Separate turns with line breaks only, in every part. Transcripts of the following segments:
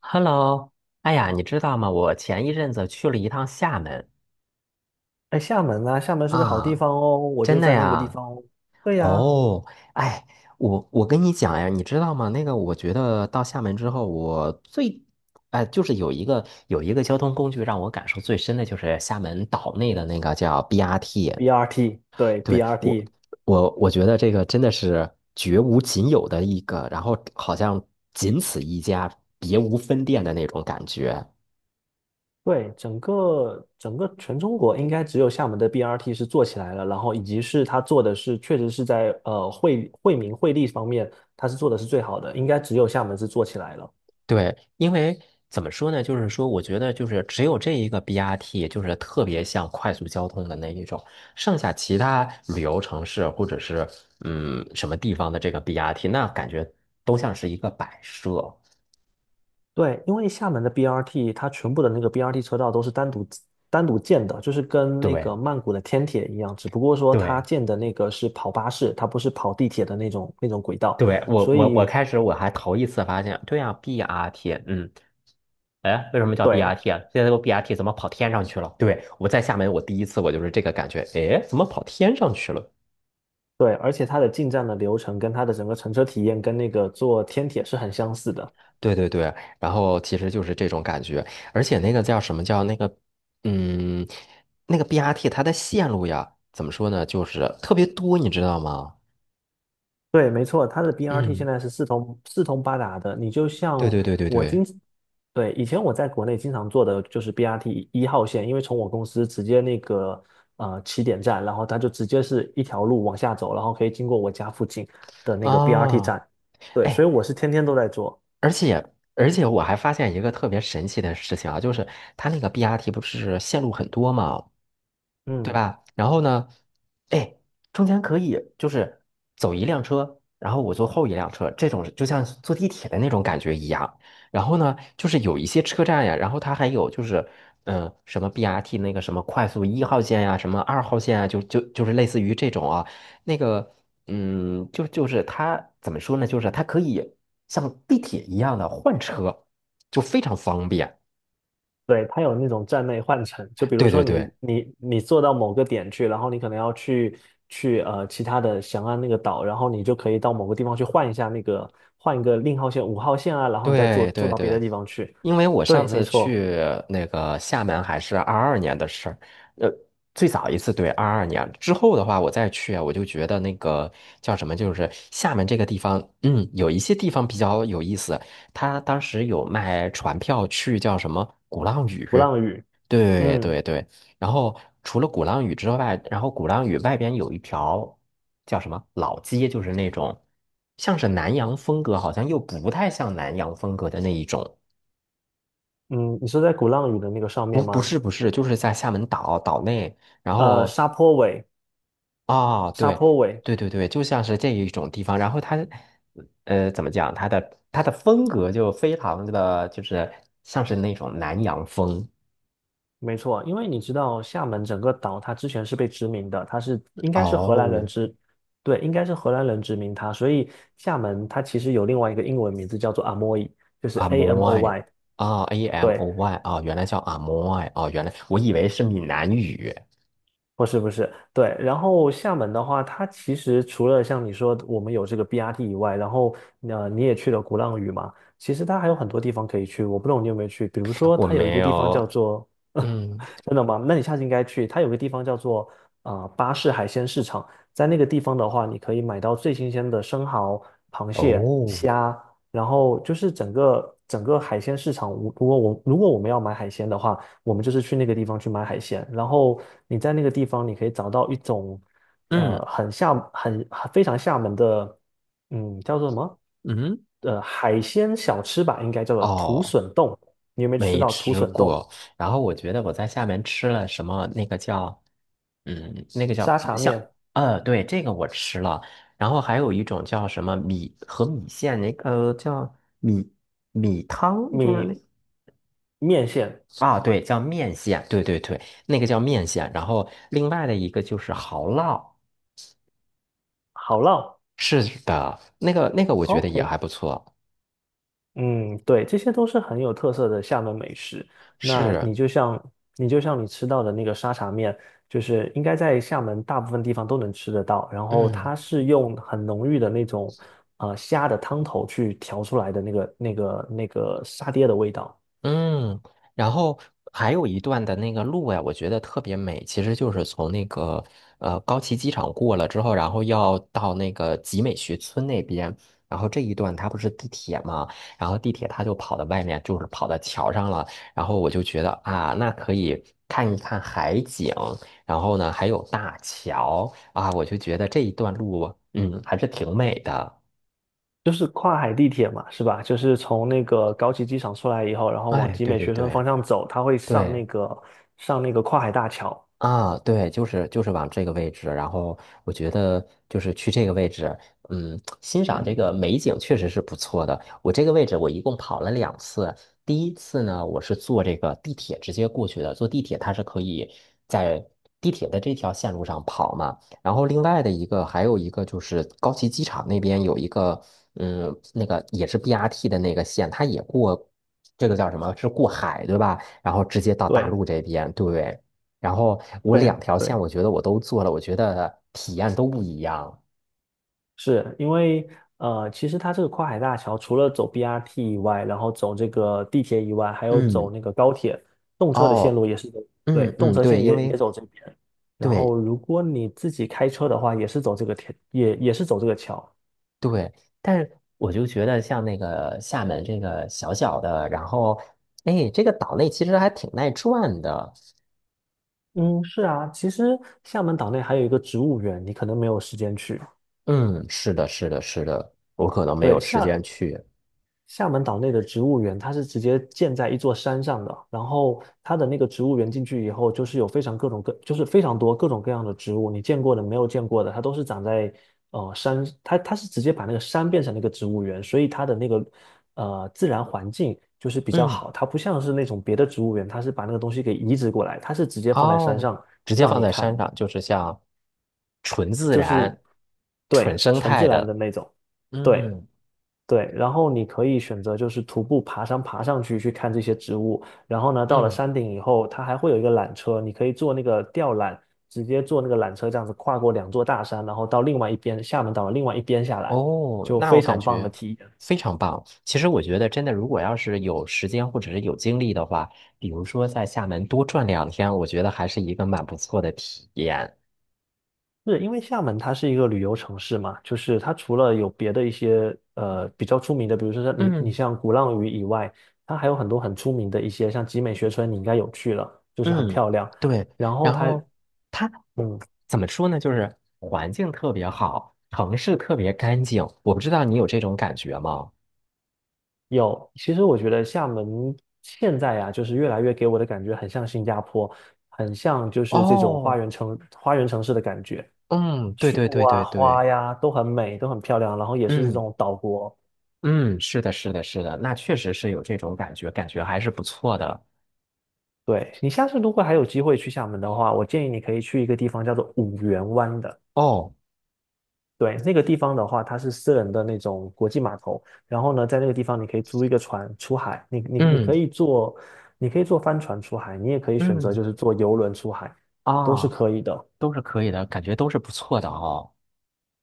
Hello，哎呀，你知道吗？我前一阵子去了一趟厦门
哎，厦门啊，厦门是个好地
啊，
方哦，我
真
就
的
在那个地
呀。
方哦。对呀
哦，哎，我跟你讲呀，你知道吗？那个，我觉得到厦门之后，我最，哎，就是有一个交通工具让我感受最深的就是厦门岛内的那个叫 BRT。
，BRT，对
对，我，
BRT，
我觉得这个真的是绝无仅有的一个，然后好像仅此一家，别无分店的那种感觉。
对，整个全中国应该只有厦门的 BRT 是做起来了，然后以及是它做的是确实是在惠民惠利方面，它是做的是最好的，应该只有厦门是做起来了。
对，因为怎么说呢，就是说，我觉得就是只有这一个 BRT，就是特别像快速交通的那一种，剩下其他旅游城市或者是什么地方的这个 BRT，那感觉都像是一个摆设。
对，因为厦门的 BRT，它全部的那个 BRT 车道都是单独建的，就是跟那个
对
曼谷的天铁一样，只不过说它
对
建的那个是跑巴士，它不是跑地铁的那种轨道，
对，我
所
我我
以
开始我还头一次发现，对呀 BRT 哎，为什么叫
对
BRT 啊？现在这个 BRT 怎么跑天上去了？对，我在厦门，我第一次我就是这个感觉，哎，怎么跑天上去了？
对，而且它的进站的流程跟它的整个乘车体验跟那个坐天铁是很相似的。
对对对，然后其实就是这种感觉，而且那个叫什么叫那个，嗯，那个 BRT 它的线路呀，怎么说呢，就是特别多，你知道吗？
对，没错，它的 BRT 现
嗯，
在是四通八达的。你就
对
像
对对对
我
对，
经，对，以前我在国内经常坐的就是 BRT 一号线，因为从我公司直接那个起点站，然后它就直接是一条路往下走，然后可以经过我家附近的那个 BRT
啊，
站。对，所
哎，
以我是天天都在坐。
而且而且我还发现一个特别神奇的事情啊，就是它那个 BRT 不是线路很多嘛，对
嗯。
吧？然后呢，哎，中间可以就是走一辆车，然后我坐后一辆车，这种就像坐地铁的那种感觉一样。然后呢，就是有一些车站呀，然后它还有就是，什么 BRT 那个什么快速1号线呀，什么2号线啊，就是类似于这种啊，那个，嗯，就是它怎么说呢？就是它可以像地铁一样的换车，就非常方便。
对，它有那种站内换乘，就比如
对
说
对对
你坐到某个点去，然后你可能要去其他的翔安那个岛，然后你就可以到某个地方去换一下那个换一个令号线、五号线啊，然后你再坐
对
坐
对
到别
对。
的地方去。
因为我上
对，没
次
错，
去那个厦门还是二二年的事儿，呃，最早一次对二二年之后的话，我再去啊，我就觉得那个叫什么，就是厦门这个地方，嗯，有一些地方比较有意思。他当时有卖船票去叫什么鼓浪屿，
鼓浪屿，
对
嗯
对对。然后除了鼓浪屿之外，然后鼓浪屿外边有一条叫什么老街，就是那种像是南洋风格，好像又不太像南洋风格的那一种。
嗯，你说在鼓浪屿的那个上
不，
面
不
吗？
是，不是，就是在厦门岛岛内，然后
沙坡尾，
啊、
沙
对，
坡尾，
对对对，就像是这一种地方，然后它，怎么讲，它的风格就非常的，就是像是那种南洋风
没错，因为你知道厦门整个岛，它之前是被殖民的，它是应该是荷兰人
哦，
殖，对，应该是荷兰人殖民它，所以厦门它其实有另外一个英文名字叫做 Amoy,就是
阿
A M
摩
O
爱
Y,
啊，A M
对，
O Y 啊，原来叫阿摩爱哦，原来我以为是闽南语，
不是不是，对。然后厦门的话，它其实除了像你说我们有这个 BRT 以外，然后你也去了鼓浪屿嘛，其实它还有很多地方可以去。我不懂你有没有去，比如说
我
它有一
没
个地方叫
有，
做，
嗯，
真的吗？那你下次应该去。它有个地方叫做巴士海鲜市场，在那个地方的话，你可以买到最新鲜的生蚝、螃蟹、
哦，
虾，然后就是整个海鲜市场。如果我们要买海鲜的话，我们就是去那个地方去买海鲜，然后你在那个地方你可以找到一种
嗯
呃很厦很非常厦门的，嗯，叫做什么？
嗯，
海鲜小吃吧，应该叫做土
哦。
笋冻。你有没有吃
没
到土
吃
笋冻、
过。然后我觉得我在厦门吃了什么，那个叫，嗯，那个
沙
叫
茶
像，
面、
对，这个我吃了。然后还有一种叫什么米和米线，那个叫米汤，就是那。
米面线、
啊，对，叫面线，对对对，那个叫面线。然后另外的一个就是蚝烙，
好烙
是的，那个我觉得也还
？OK,
不错，
嗯，对，这些都是很有特色的厦门美食。那
是，
你就像你吃到的那个沙茶面，就是应该在厦门大部分地方都能吃得到。然后
嗯。
它是用很浓郁的那种虾的汤头去调出来的那个沙爹的味道，
嗯，然后还有一段的那个路呀，我觉得特别美，其实就是从那个高崎机场过了之后，然后要到那个集美学村那边，然后这一段它不是地铁嘛，然后地铁它就跑到外面，就是跑到桥上了，然后我就觉得啊，那可以看一看海景，然后呢还有大桥啊，我就觉得这一段路，嗯，还是挺美的。
就是跨海地铁嘛，是吧？就是从那个高崎机场出来以后，然后往
哎，
集
对
美
对
学生
对
方向走，它会上
对。
那个上那个跨海大桥。
啊，对，就是往这个位置，然后我觉得就是去这个位置，嗯，欣赏这个美景确实是不错的。我这个位置我一共跑了2次，第一次呢，我是坐这个地铁直接过去的，坐地铁它是可以在地铁的这条线路上跑嘛。然后另外的一个还有一个就是高崎机场那边有一个，嗯，那个也是 BRT 的那个线，它也过这个叫什么？是过海，对吧？然后直接到大
对
陆这边，对。然后我两
对
条线，
对。
我觉得我都做了，我觉得体验都不一样。
是因为其实它这个跨海大桥除了走 BRT 以外，然后走这个地铁以外，还有走
嗯，
那个高铁，动车的线
哦，
路也是走，对，
嗯
动
嗯，
车
对，
线
因
也
为
走这边。然后
对
如果你自己开车的话，也是走这个铁，也是走这个桥。
对，但是我就觉得像那个厦门这个小小的，然后哎，这个岛内其实还挺耐转的。
嗯，是啊，其实厦门岛内还有一个植物园，你可能没有时间去。
嗯，是的，是的，是的，我可能没
对，
有时间
厦
去。
厦门岛内的植物园，它是直接建在一座山上的，然后它的那个植物园进去以后，就是有非常各种各，就是非常多各种各样的植物，你见过的、没有见过的，它都是长在呃山，它它是直接把那个山变成那个植物园，所以它的那个自然环境就是比较
嗯，
好，它不像是那种别的植物园，它是把那个东西给移植过来，它是直接放在山
哦，
上
直接
让
放
你
在山
看，
上，就是像纯自
就是
然、
对
纯生
纯
态
自然的
的。
那种，对。
嗯
对，然后你可以选择就是徒步爬山爬上去去看这些植物，然后呢，到了
嗯。
山顶以后，它还会有一个缆车，你可以坐那个吊缆，直接坐那个缆车这样子跨过两座大山，然后到另外一边厦门岛的另外一边下来，
哦，
就
那
非
我感
常棒的
觉
体验。
非常棒。其实我觉得，真的，如果要是有时间或者是有精力的话，比如说在厦门多转2天，我觉得还是一个蛮不错的体验。
是因为厦门它是一个旅游城市嘛，就是它除了有别的一些比较出名的，比如说像你
嗯
你像鼓浪屿以外，它还有很多很出名的一些，像集美学村你应该有去了，就是很
嗯，
漂亮，
对。
然后
然
它。
后它我
嗯。
怎么说呢？就是环境特别好，城市特别干净。我不知道你有这种感觉吗？
有，其实我觉得厦门现在呀、就是越来越给我的感觉很像新加坡，很像就是这种
哦，
花园城市的感觉，
嗯，对
树
对对
啊、
对
花
对，
呀都很美，都很漂亮，然后也是这
嗯
种岛国。
嗯，是的，是的，是的，那确实是有这种感觉，感觉还是不错的。
对，你下次如果还有机会去厦门的话，我建议你可以去一个地方叫做五缘湾的。
哦。
对，那个地方的话，它是私人的那种国际码头，然后呢，在那个地方你可以租一个船出海，你
嗯
可以坐，你可以坐帆船出海，你也可以选
嗯
择就是坐游轮出海，都是
啊，
可以的。
都是可以的，感觉都是不错的哦。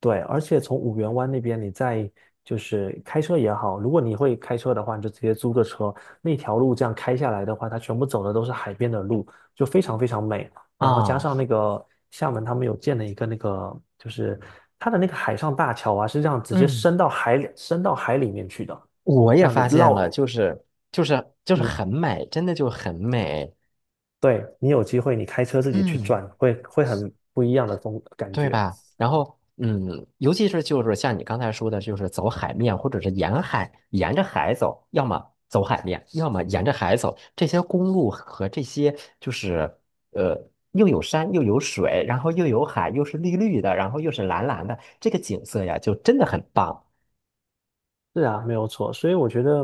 对，而且从五缘湾那边，你再就是开车也好，如果你会开车的话，你就直接租个车，那条路这样开下来的话，它全部走的都是海边的路，就非常非常美。然后加
啊，
上那个厦门，他们有建了一个那个，就是它的那个海上大桥啊，是这样直接
嗯，
伸到海里面去的，
我
这
也
样子
发现了，
绕
就是就是
你，
很美，真的就很美，
对，你有机会你开车自己去
嗯，
转，会很不一样的风感
对
觉。
吧？然后嗯，尤其是就是像你刚才说的，就是走海面或者是沿海，沿着海走，要么走海面，要么沿着海走，这些公路和这些就是呃。又有山又有水，然后又有海，又是绿绿的，然后又是蓝蓝的，这个景色呀，就真的很棒。
是啊，没有错。所以我觉得，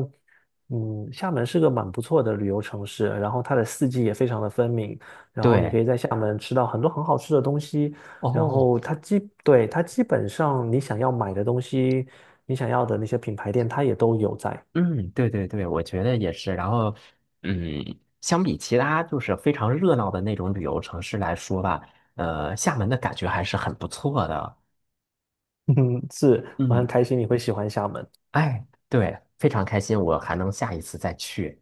嗯，厦门是个蛮不错的旅游城市，然后它的四季也非常的分明，然后你
对，
可以在厦门吃到很多很好吃的东西，然
哦，
后对，它基本上你想要买的东西，你想要的那些品牌店，它也都有在。
嗯，对对对，我觉得也是。然后，嗯，相比其他就是非常热闹的那种旅游城市来说吧，厦门的感觉还是很不错的。
嗯，是，我很
嗯，
开心你会喜欢厦门。
哎，对，非常开心，我还能下一次再去。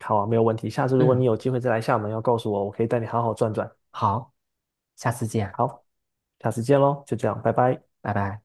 好啊，没有问题。下次如果
嗯，
你有机会再来厦门，要告诉我，我可以带你好好转转。
好，下次见，
好，下次见喽，就这样，拜拜。
拜拜。